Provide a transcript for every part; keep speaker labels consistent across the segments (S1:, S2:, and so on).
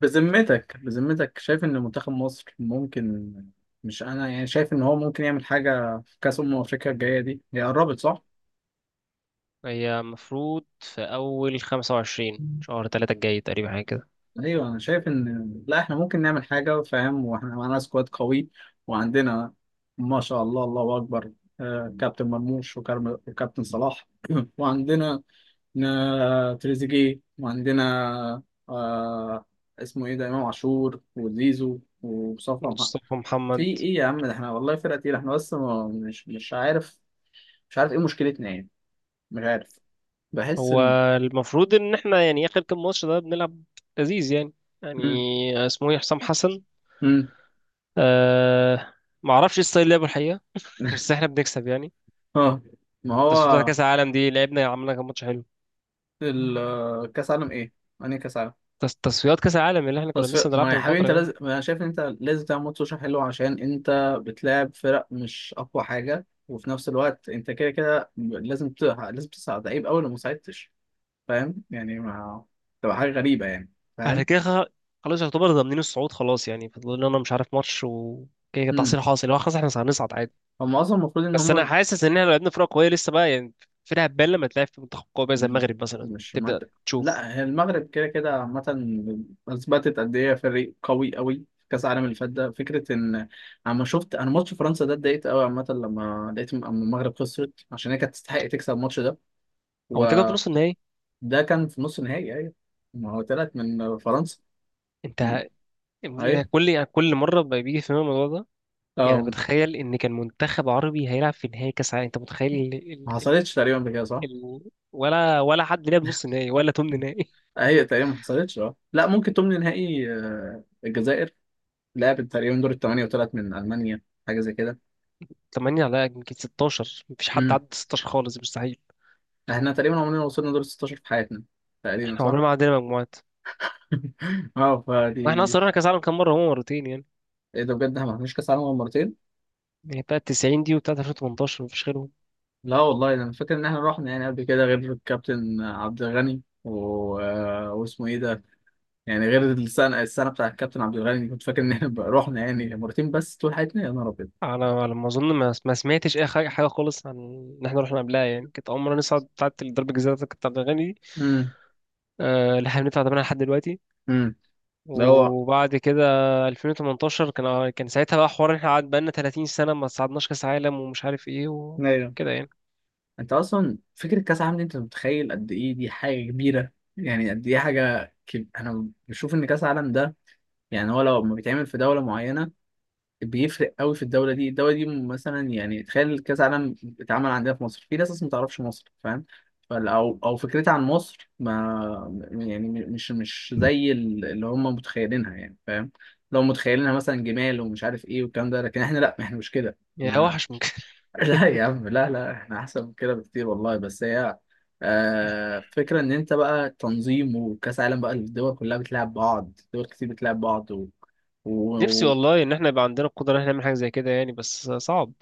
S1: بذمتك شايف ان منتخب مصر ممكن؟ مش انا يعني شايف ان هو ممكن يعمل حاجه في كاس افريقيا الجايه دي، هي قربت صح؟
S2: هي مفروض في أول 25 شهر 3 الجاي تقريبا حاجة كده.
S1: ايوه انا شايف ان لا احنا ممكن نعمل حاجه، فاهم؟ واحنا معانا سكواد قوي وعندنا ما شاء الله الله اكبر. كابتن مرموش وكابتن صلاح وعندنا تريزيجيه وعندنا آه، اسمه ايه ده، امام عاشور وزيزو ومصطفى.
S2: مصطفى
S1: في
S2: محمد.
S1: ايه يا عم ده، احنا والله فرقة تقيلة احنا، بس مش عارف، مش عارف ايه مشكلتنا يعني، مش عارف، بحس
S2: هو
S1: ان.
S2: المفروض إن احنا آخر كام ماتش ده بنلعب لذيذ يعني
S1: مم.
S2: يعني اسمه ايه؟ حسام حسن.
S1: مم.
S2: أه معرفش ايه ستايل لعبه الحقيقة، بس احنا بنكسب يعني.
S1: اه ما
S2: تصفيات
S1: هو
S2: كأس العالم دي لعبنا عملنا كام ماتش حلو.
S1: كاس عالم ايه؟ يعني كاس عالم
S2: تصفيات كأس العالم اللي احنا كنا
S1: تصفيق،
S2: لسه
S1: ما هو يا
S2: بنلعبها من
S1: حبيبي
S2: فترة
S1: انت
S2: يعني.
S1: لازم، انا شايف ان انت لازم تعمل ماتش سوشيال حلو، عشان انت بتلاعب فرق مش اقوى حاجة، وفي نفس الوقت انت كده كده لازم لازم تصعد. عيب قوي لو ما صعدتش، فاهم يعني؟ ما تبقى حاجة غريبة يعني،
S2: على
S1: فاهم؟
S2: كده خلاص يعتبر ضامنين الصعود، خلاص يعني فاضل لنا مش عارف ماتش وكده. كده
S1: مم.
S2: تحصيل حاصل، هو خلاص احنا هنصعد عادي.
S1: هم اصلا المفروض ان
S2: بس انا
S1: هم.
S2: حاسس ان احنا لو لعبنا فرقه قويه لسه بقى يعني. فرقه هتبان لما تلعب في منتخب قوي بقى زي
S1: مهم.
S2: المغرب مثلا
S1: مش
S2: تبدا
S1: منطق.
S2: تشوف.
S1: لا هي المغرب كده كده عامة اثبتت قد ايه فريق قوي قوي في كاس العالم اللي فات ده، فكرة ان اما شفت انا ماتش فرنسا ده اتضايقت قوي عامة، لما لقيت اما المغرب خسرت، عشان هي كانت تستحق تكسب الماتش ده.
S2: هو تجي في نص
S1: وده
S2: النهائي.
S1: كان في نص نهائي، ايوه ما هو تلات من فرنسا.
S2: انت ه-
S1: ايوه
S2: كل مره بقى بيجي في دماغي الموضوع ده. يعني
S1: اه.
S2: بتخيل ان كان منتخب عربي هيلعب في نهائي كاس عالم، انت متخيل
S1: ما حصلتش تقريبا بكده صح؟
S2: ال... ولا حد لعب نص نهائي ولا تمن نهائي.
S1: هي تقريبا ما حصلتش، اه لا ممكن تمن نهائي. الجزائر لعبت تقريبا دور الثمانية وطلعت من المانيا حاجة زي كده.
S2: 8 على يمكن 16، مفيش حد عدى 16 خالص مستحيل.
S1: احنا تقريبا عمرنا ما وصلنا دور 16 في حياتنا تقريبا
S2: احنا
S1: صح؟
S2: عمرنا ما عدينا مجموعات.
S1: اه
S2: واحنا
S1: فدي.
S2: اصلا رحنا كاس عالم كام مره؟ هو مرتين يعني.
S1: ايه ده بجد، احنا ما رحناش كاس عالم غير مرتين؟
S2: يعني بتاع 90 دي وبتاع 2018، مفيش غيرهم.
S1: لا والله انا فاكر ان احنا رحنا يعني قبل كده غير الكابتن عبد الغني واسمه ايه ده؟ يعني غير السنه بتاع الكابتن عبد الغني كنت فاكر ان احنا بقى رحنا يعني مرتين بس طول حياتنا، يا نهار ابيض.
S2: على ما اظن ما سمعتش اي حاجه خالص عن ان احنا رحنا قبلها. يعني كانت اول مره نصعد بتاعت الضرب، الجزيره بتاعت الاغاني دي،
S1: امم
S2: اللي احنا بندفع ثمنها لحد دلوقتي.
S1: امم ده هو
S2: وبعد كده 2018، كان ساعتها بقى حوار إن احنا قعد بقالنا 30 سنه ما صعدناش كاس عالم ومش عارف ايه
S1: ايوه.
S2: وكده يعني.
S1: انت اصلا فكره كاس العالم دي انت متخيل قد ايه، دي حاجه كبيره يعني، قد ايه حاجه انا بشوف ان كاس العالم ده يعني، هو لو ما بيتعمل في دوله معينه بيفرق قوي في الدوله دي، الدوله دي مثلا يعني تخيل كاس عالم اتعمل عندنا في مصر، في ناس اصلا ما تعرفش مصر، فاهم؟ او فكرتها عن مصر ما يعني مش زي اللي هم متخيلينها يعني، فاهم؟ لو متخيلينها مثلا جمال ومش عارف ايه والكلام ده، لكن احنا لا احنا مش كده،
S2: يا
S1: احنا
S2: وحش ممكن.
S1: لا يا عم لا، لا احنا احسن من كده بكتير والله. بس هي فكرة ان انت بقى تنظيم وكاس عالم بقى، الدول كلها بتلعب بعض، دول كتير بتلعب بعض و...
S2: نفسي والله ان احنا يبقى عندنا القدره ان احنا نعمل حاجه زي كده يعني، بس صعب.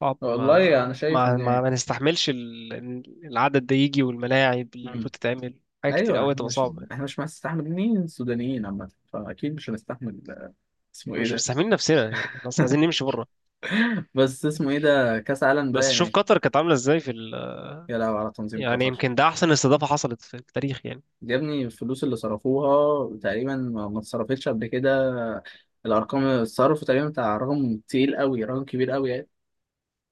S2: صعب،
S1: والله انا
S2: ما
S1: شايف
S2: ما ما,
S1: ان.
S2: ما نستحملش العدد ده يجي، والملاعب اللي
S1: مم.
S2: بتتعمل حاجات كتير
S1: ايوه
S2: قوي
S1: احنا
S2: تبقى
S1: مش
S2: صعبه.
S1: احنا مش مستحملين السودانيين عامه، فاكيد مش هنستحمل اسمه ايه
S2: مش
S1: ده.
S2: مستحملين نفسنا يعني، خلاص عايزين نمشي بره.
S1: بس اسمه ايه ده، كاس عالم ده
S2: بس شوف
S1: يعني.
S2: قطر كانت عامله ازاي في.
S1: يا لهوي على تنظيم
S2: يعني
S1: قطر.
S2: يمكن ده احسن استضافه حصلت في التاريخ يعني.
S1: يا ابني الفلوس اللي صرفوها تقريبا ما اتصرفتش قبل كده. الارقام، الصرف تقريبا بتاع رقم تقيل قوي، رقم كبير قوي.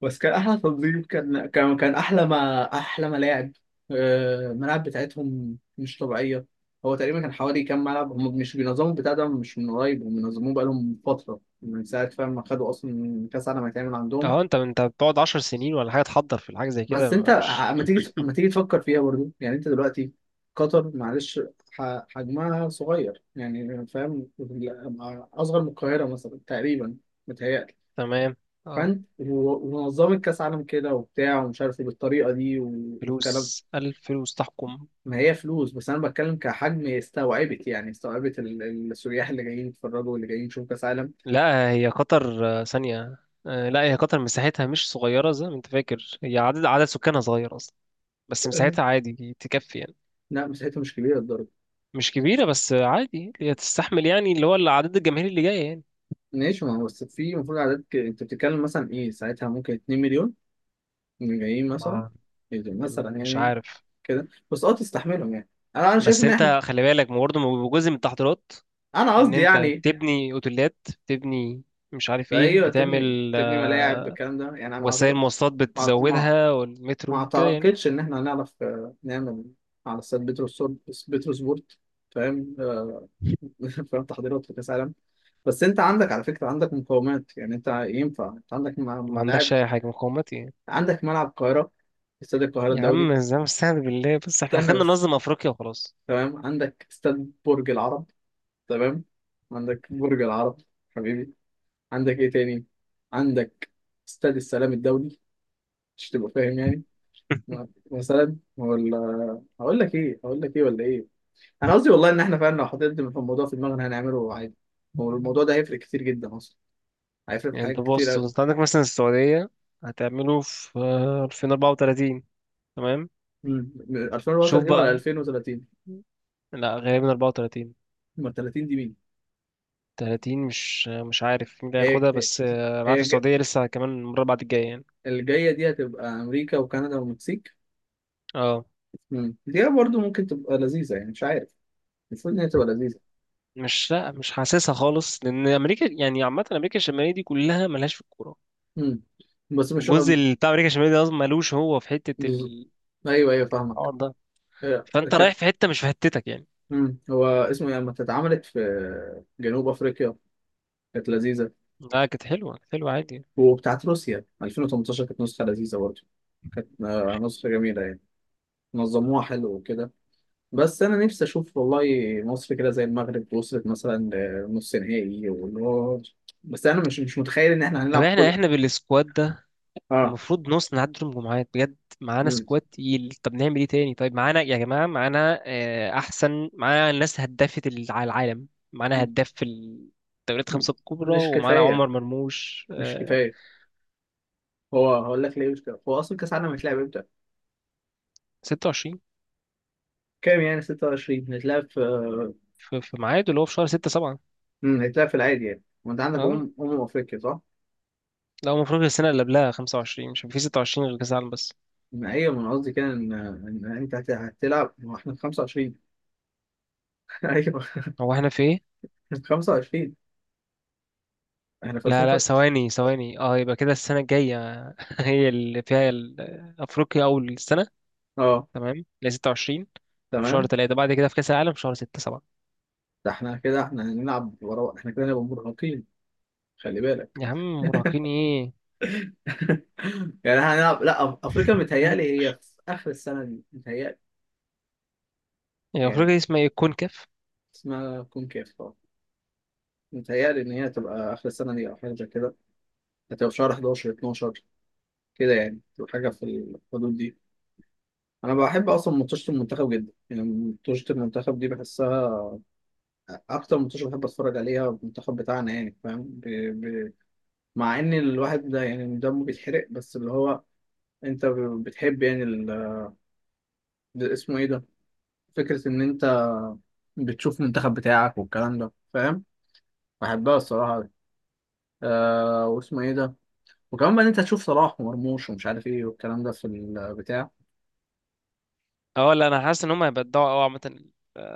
S1: بس كان احلى تنظيم، كان احلى، ما احلى ملاعب. الملاعب بتاعتهم مش طبيعيه. هو تقريبا كان حوالي كام ملعب، هم مش بينظموا البتاع ده مش من قريب، هم بينظموه بقالهم فتره من ساعه فاهم ما خدوا اصلا كاس عالم هيتعمل عندهم.
S2: اه، انت بتقعد 10 سنين ولا حاجه تحضر في الحاجه زي كده
S1: بس انت
S2: مش.
S1: اما تيجي، تفكر فيها برضو يعني، انت دلوقتي قطر معلش حجمها صغير يعني، فاهم؟ اصغر من القاهره مثلا تقريبا، متهيألي.
S2: تمام. اه،
S1: فانت ومنظمة كاس عالم كده وبتاع ومش عارف إيه بالطريقة دي والكلام.
S2: فلوس، الف فلوس تحكم.
S1: ما هي فلوس، بس انا بتكلم كحجم استوعبت يعني، استوعبت السياح اللي جايين يتفرجوا واللي جايين يشوفوا كاس عالم.
S2: لا، هي قطر ثانيه. لا هي قطر مساحتها مش صغيره زي ما انت فاكر، هي عدد سكانها صغير اصلا. بس
S1: لا،
S2: مساحتها عادي تكفي يعني.
S1: لا، مساحتها مش كبيرة للدرجة.
S2: مش كبيره بس عادي، هي تستحمل يعني اللي هو العدد الجماهيري اللي جاي يعني.
S1: ماشي ما هو بس في المفروض عدد انت بتتكلم مثلا ايه ساعتها، ممكن 2 مليون من جايين مثلا.
S2: ما،
S1: إيه ده؟ مثلا
S2: مش
S1: يعني
S2: عارف.
S1: كده بس، اه تستحملهم يعني. انا شايف
S2: بس
S1: ان احنا،
S2: انت خلي بالك برضه جزء من التحضيرات
S1: انا
S2: ان
S1: قصدي
S2: انت
S1: يعني
S2: بتبني اوتيلات، بتبني مش عارف
S1: ده.
S2: ايه
S1: ايوه تبني،
S2: بتعمل
S1: تبني ملاعب بالكلام ده يعني، انا
S2: وسائل مواصلات
S1: مع... مع...
S2: بتزودها
S1: ما
S2: والمترو كده يعني.
S1: اعتقدش ان احنا هنعرف نعمل على استاد بيتروسبورت، بيتروسبورت، فاهم؟ فاهم، تحضيرات في كاس العالم. بس انت عندك على فكره، عندك مقومات يعني، انت ينفع، انت عندك
S2: ما
S1: ملاعب،
S2: عندكش اي حاجه مقاومات يعني.
S1: عندك ملعب القاهره، استاد القاهره
S2: يا
S1: الدولي.
S2: عم زي ما استهان بالله، بس احنا
S1: استنى
S2: خلينا
S1: بس،
S2: ننظم افريقيا وخلاص.
S1: تمام، عندك استاد برج العرب، تمام، عندك برج العرب حبيبي، عندك ايه تاني، عندك استاد السلام الدولي. مش تبقى فاهم يعني، مثلا ولا، هقول لك ايه ولا ايه، انا قصدي والله ان احنا فعلا لو حطينا في الموضوع في دماغنا هنعمله عادي. هو الموضوع ده هيفرق كتير جدا اصلا، هيفرق في
S2: يعني انت
S1: حاجات كتير
S2: بص،
S1: قوي.
S2: انت عندك مثلا السعوديه، هتعمله في 2034. تمام. شوف
S1: 2034 ولا
S2: بقى،
S1: 2030؟
S2: لا غالبا 34.
S1: امال 30 دي مين؟
S2: 30 مش عارف مين اللي
S1: هي
S2: هياخدها،
S1: هي
S2: بس انا
S1: هي
S2: عارف السعوديه لسه كمان المره بعد الجايه يعني.
S1: الجايه دي هتبقى امريكا وكندا والمكسيك.
S2: اه
S1: مم. دي برضو ممكن تبقى لذيذه يعني، مش عارف، المفروض ان هي تبقى لذيذه.
S2: مش، لا مش حاسسها خالص، لان امريكا يعني عامه امريكا الشماليه دي كلها ملهاش في الكوره.
S1: مم. بس مش
S2: الجزء
S1: هبقى-
S2: اللي بتاع امريكا الشماليه ده اصلا ملوش هو في حته
S1: بز-
S2: الحوار
S1: ايوه ايوه فاهمك.
S2: ده.
S1: آه،
S2: فانت
S1: ك...
S2: رايح في حته مش في حتتك يعني.
S1: مم. هو اسمه إيه؟ لما اتعملت في جنوب افريقيا كانت لذيذه.
S2: لا كانت حلوه، كانت حلوه عادي يعني.
S1: وبتاعت روسيا 2018 كانت نسخة لذيذة برضه، كانت نسخة جميلة يعني، نظموها حلو وكده. بس أنا نفسي أشوف والله مصر كده زي المغرب، وصلت مثلا لنص نهائي واللي هو. بس أنا مش متخيل إن إحنا
S2: طب
S1: هنلعب
S2: احنا
S1: كل.
S2: احنا بالسكواد ده
S1: آه.
S2: المفروض نص نعدي دور المجموعات بجد. معانا
S1: مم.
S2: سكواد تقيل، طب نعمل ايه تاني؟ طيب معانا يا جماعه، معانا احسن. معانا الناس هدافه على العالم. معانا هداف في الدوريات
S1: مم.
S2: الخمسه الكبرى،
S1: مش
S2: ومعانا
S1: كفاية،
S2: عمر مرموش
S1: مش كفاية. هو هقول لك ليه مش كفاية، هو أصلا كأس العالم هيتلعب إمتى؟
S2: 26
S1: كام يعني 26، هيتلعب في
S2: في ميعاده اللي هو في شهر 6.
S1: هيتلعب في العادي يعني، وأنت عندك
S2: اه
S1: أمم أفريقيا صح؟
S2: لا، هو المفروض السنة اللي قبلها 25، مش هيبقى في 26 غير كأس العالم بس.
S1: أيوة، ما هي من قصدي كده ان انت هتلعب، ما احنا في 25، ايوه.
S2: هو احنا في ايه؟
S1: 25، احنا في
S2: لا لا،
S1: 2005،
S2: ثواني ثواني، اه يبقى كده السنة الجاية هي اللي فيها أفريقيا، أول السنة.
S1: اه،
S2: تمام، اللي هي 26. في شهر
S1: تمام.
S2: 3، بعد كده في كأس العالم في شهر 6 7.
S1: ده احنا كده، احنا هنلعب ورا، احنا كده هنبقى مرهقين، خلي بالك.
S2: يا عم مراهقين ايه؟
S1: يعني احنا هنلعب لا افريقيا متهيألي هي في اخر السنه دي، متهيألي
S2: هي أفريقيا
S1: يعني
S2: دي اسمها ايه؟ كونكاف؟
S1: اسمها كونكاف اه، متهيألي ان هي تبقى اخر السنه دي او حاجه زي كده، هتبقى في شهر 11، 12 كده يعني، تبقى حاجه في الحدود دي. انا بحب اصلا ماتشات المنتخب جدا يعني، ماتشات المنتخب دي بحسها اكتر ماتش بحب اتفرج عليها المنتخب بتاعنا يعني، فاهم؟ ب... مع ان الواحد ده يعني دمه بيتحرق، بس اللي هو انت بتحب يعني ده اسمه ايه ده، فكرة ان انت بتشوف المنتخب بتاعك والكلام ده، فاهم؟ بحبها الصراحة دي. واسمه ايه ده، وكمان بقى ان انت تشوف صلاح ومرموش ومش عارف ايه والكلام ده في البتاع.
S2: اه لا، أنا حاسس إن هم هيبقى الدعوة أوي عامة.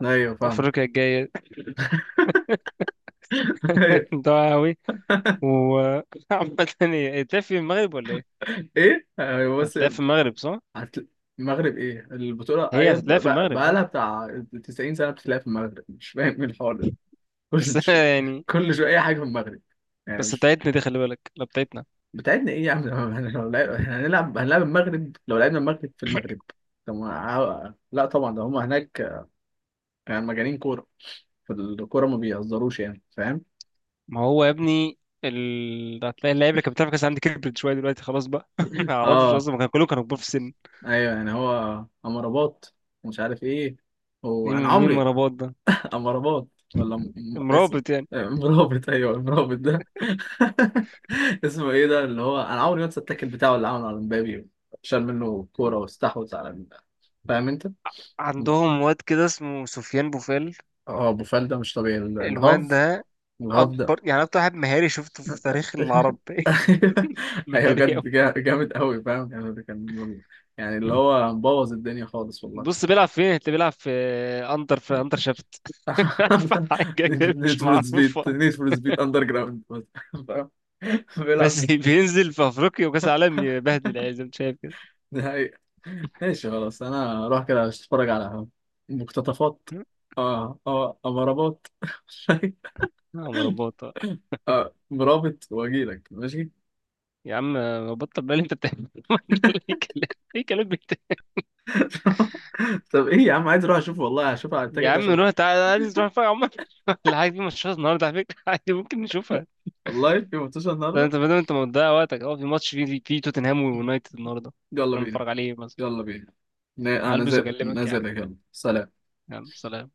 S1: ايوه فاهمك.
S2: أفريقيا الجاية.
S1: ايوه.
S2: الدعوة أوي. وعامة، هتلاقي في المغرب ولا ايه؟
S1: ايه ايوه بس.
S2: هتلاقي في المغرب صح؟
S1: هت- المغرب، ايه البطولة،
S2: هي
S1: ايوه
S2: هتتلاقي في
S1: بقى
S2: المغرب
S1: بقى
S2: اه.
S1: لها بتاع 90 سنة بتتلعب في المغرب، مش فاهم ايه الحوار ده.
S2: بس
S1: كل شو...
S2: يعني،
S1: كل شوية اي حاجة في المغرب، يعني
S2: بس
S1: مش
S2: بتاعتنا دي خلي بالك، لا بتاعتنا.
S1: بتاعتنا. ايه يا عم، إحنا هنلعب، المغرب، لو لعبنا المغرب في المغرب طب ما لا طبعا ده هم هناك، يعني مجانين كوره، في الكوره ما بيهزروش يعني، فاهم؟
S2: ما هو يا ابني هتلاقي اللعيبه اللي كانت بتلعب في كاس العالم دي كبرت شويه دلوقتي خلاص بقى. ما اعرفش
S1: اه
S2: اصلا، كانوا كلهم كانوا كبار في السن.
S1: ايوه يعني، هو امرباط، مش عارف ايه، هو
S2: مين
S1: انا
S2: مين
S1: عمري.
S2: مرابط ده؟
S1: امرباط، ولا اسم،
S2: مرابط يعني.
S1: مرابط، ايوه المرابط ده. اسمه ايه ده اللي هو، انا عمري ما انسى التاكل بتاعه اللي عمله على مبابي، شال منه كوره واستحوذ على فاهم انت؟
S2: عندهم واد كده اسمه سفيان بوفال.
S1: اه، ابو فال ده مش طبيعي
S2: الواد
S1: الهاف،
S2: ده
S1: الهبدة.
S2: اكبر يعني اكتر واحد مهاري شفته في تاريخ العرب.
S1: أيوة،
S2: مهاري قوي.
S1: بجد جامد أوي، فاهم يعني؟ ده كان يعني اللي هو مبوظ الدنيا خالص والله.
S2: بص بيلعب فين؟ اللي بيلعب في اندر، في اندر شافت. في حاجه كده
S1: نيد
S2: مش
S1: فور سبيد،
S2: معروفه،
S1: نيد فور سبيد أندر جراوند. فاهم، بيلعب
S2: بس بينزل في افريقيا وكاس العالم يبهدل يعني زي ما انت شايف.
S1: نهائي. ماشي خلاص، أنا أروح كده أتفرج على مقتطفات.
S2: كده
S1: اه اه، أمرابات.
S2: اه مربوطة.
S1: اه مرابط، وأجيلك ماشي.
S2: يا عم بطل بقى اللي انت بتعمله. ايه كلام، ايه كلام
S1: طب إيه يا عم، عايز أروح أشوف والله، هشوف على
S2: يا
S1: التيكت
S2: عم
S1: عشان.
S2: نروح. تعالى، عايز نروح فين يا عمر؟ الحاجة دي ماتشات النهاردة على فكرة، عادي ممكن نشوفها.
S1: والله في ماتش
S2: ده
S1: النهاردة،
S2: انت بدل انت مضيع وقتك اه في ماتش في توتنهام ويونايتد النهاردة،
S1: يلا
S2: انا
S1: بينا،
S2: متفرج عليه مثلا.
S1: يلا بينا، انا
S2: هلبس واكلمك يا
S1: نازل
S2: عم.
S1: لك. يلا، سلام.
S2: يلا سلام.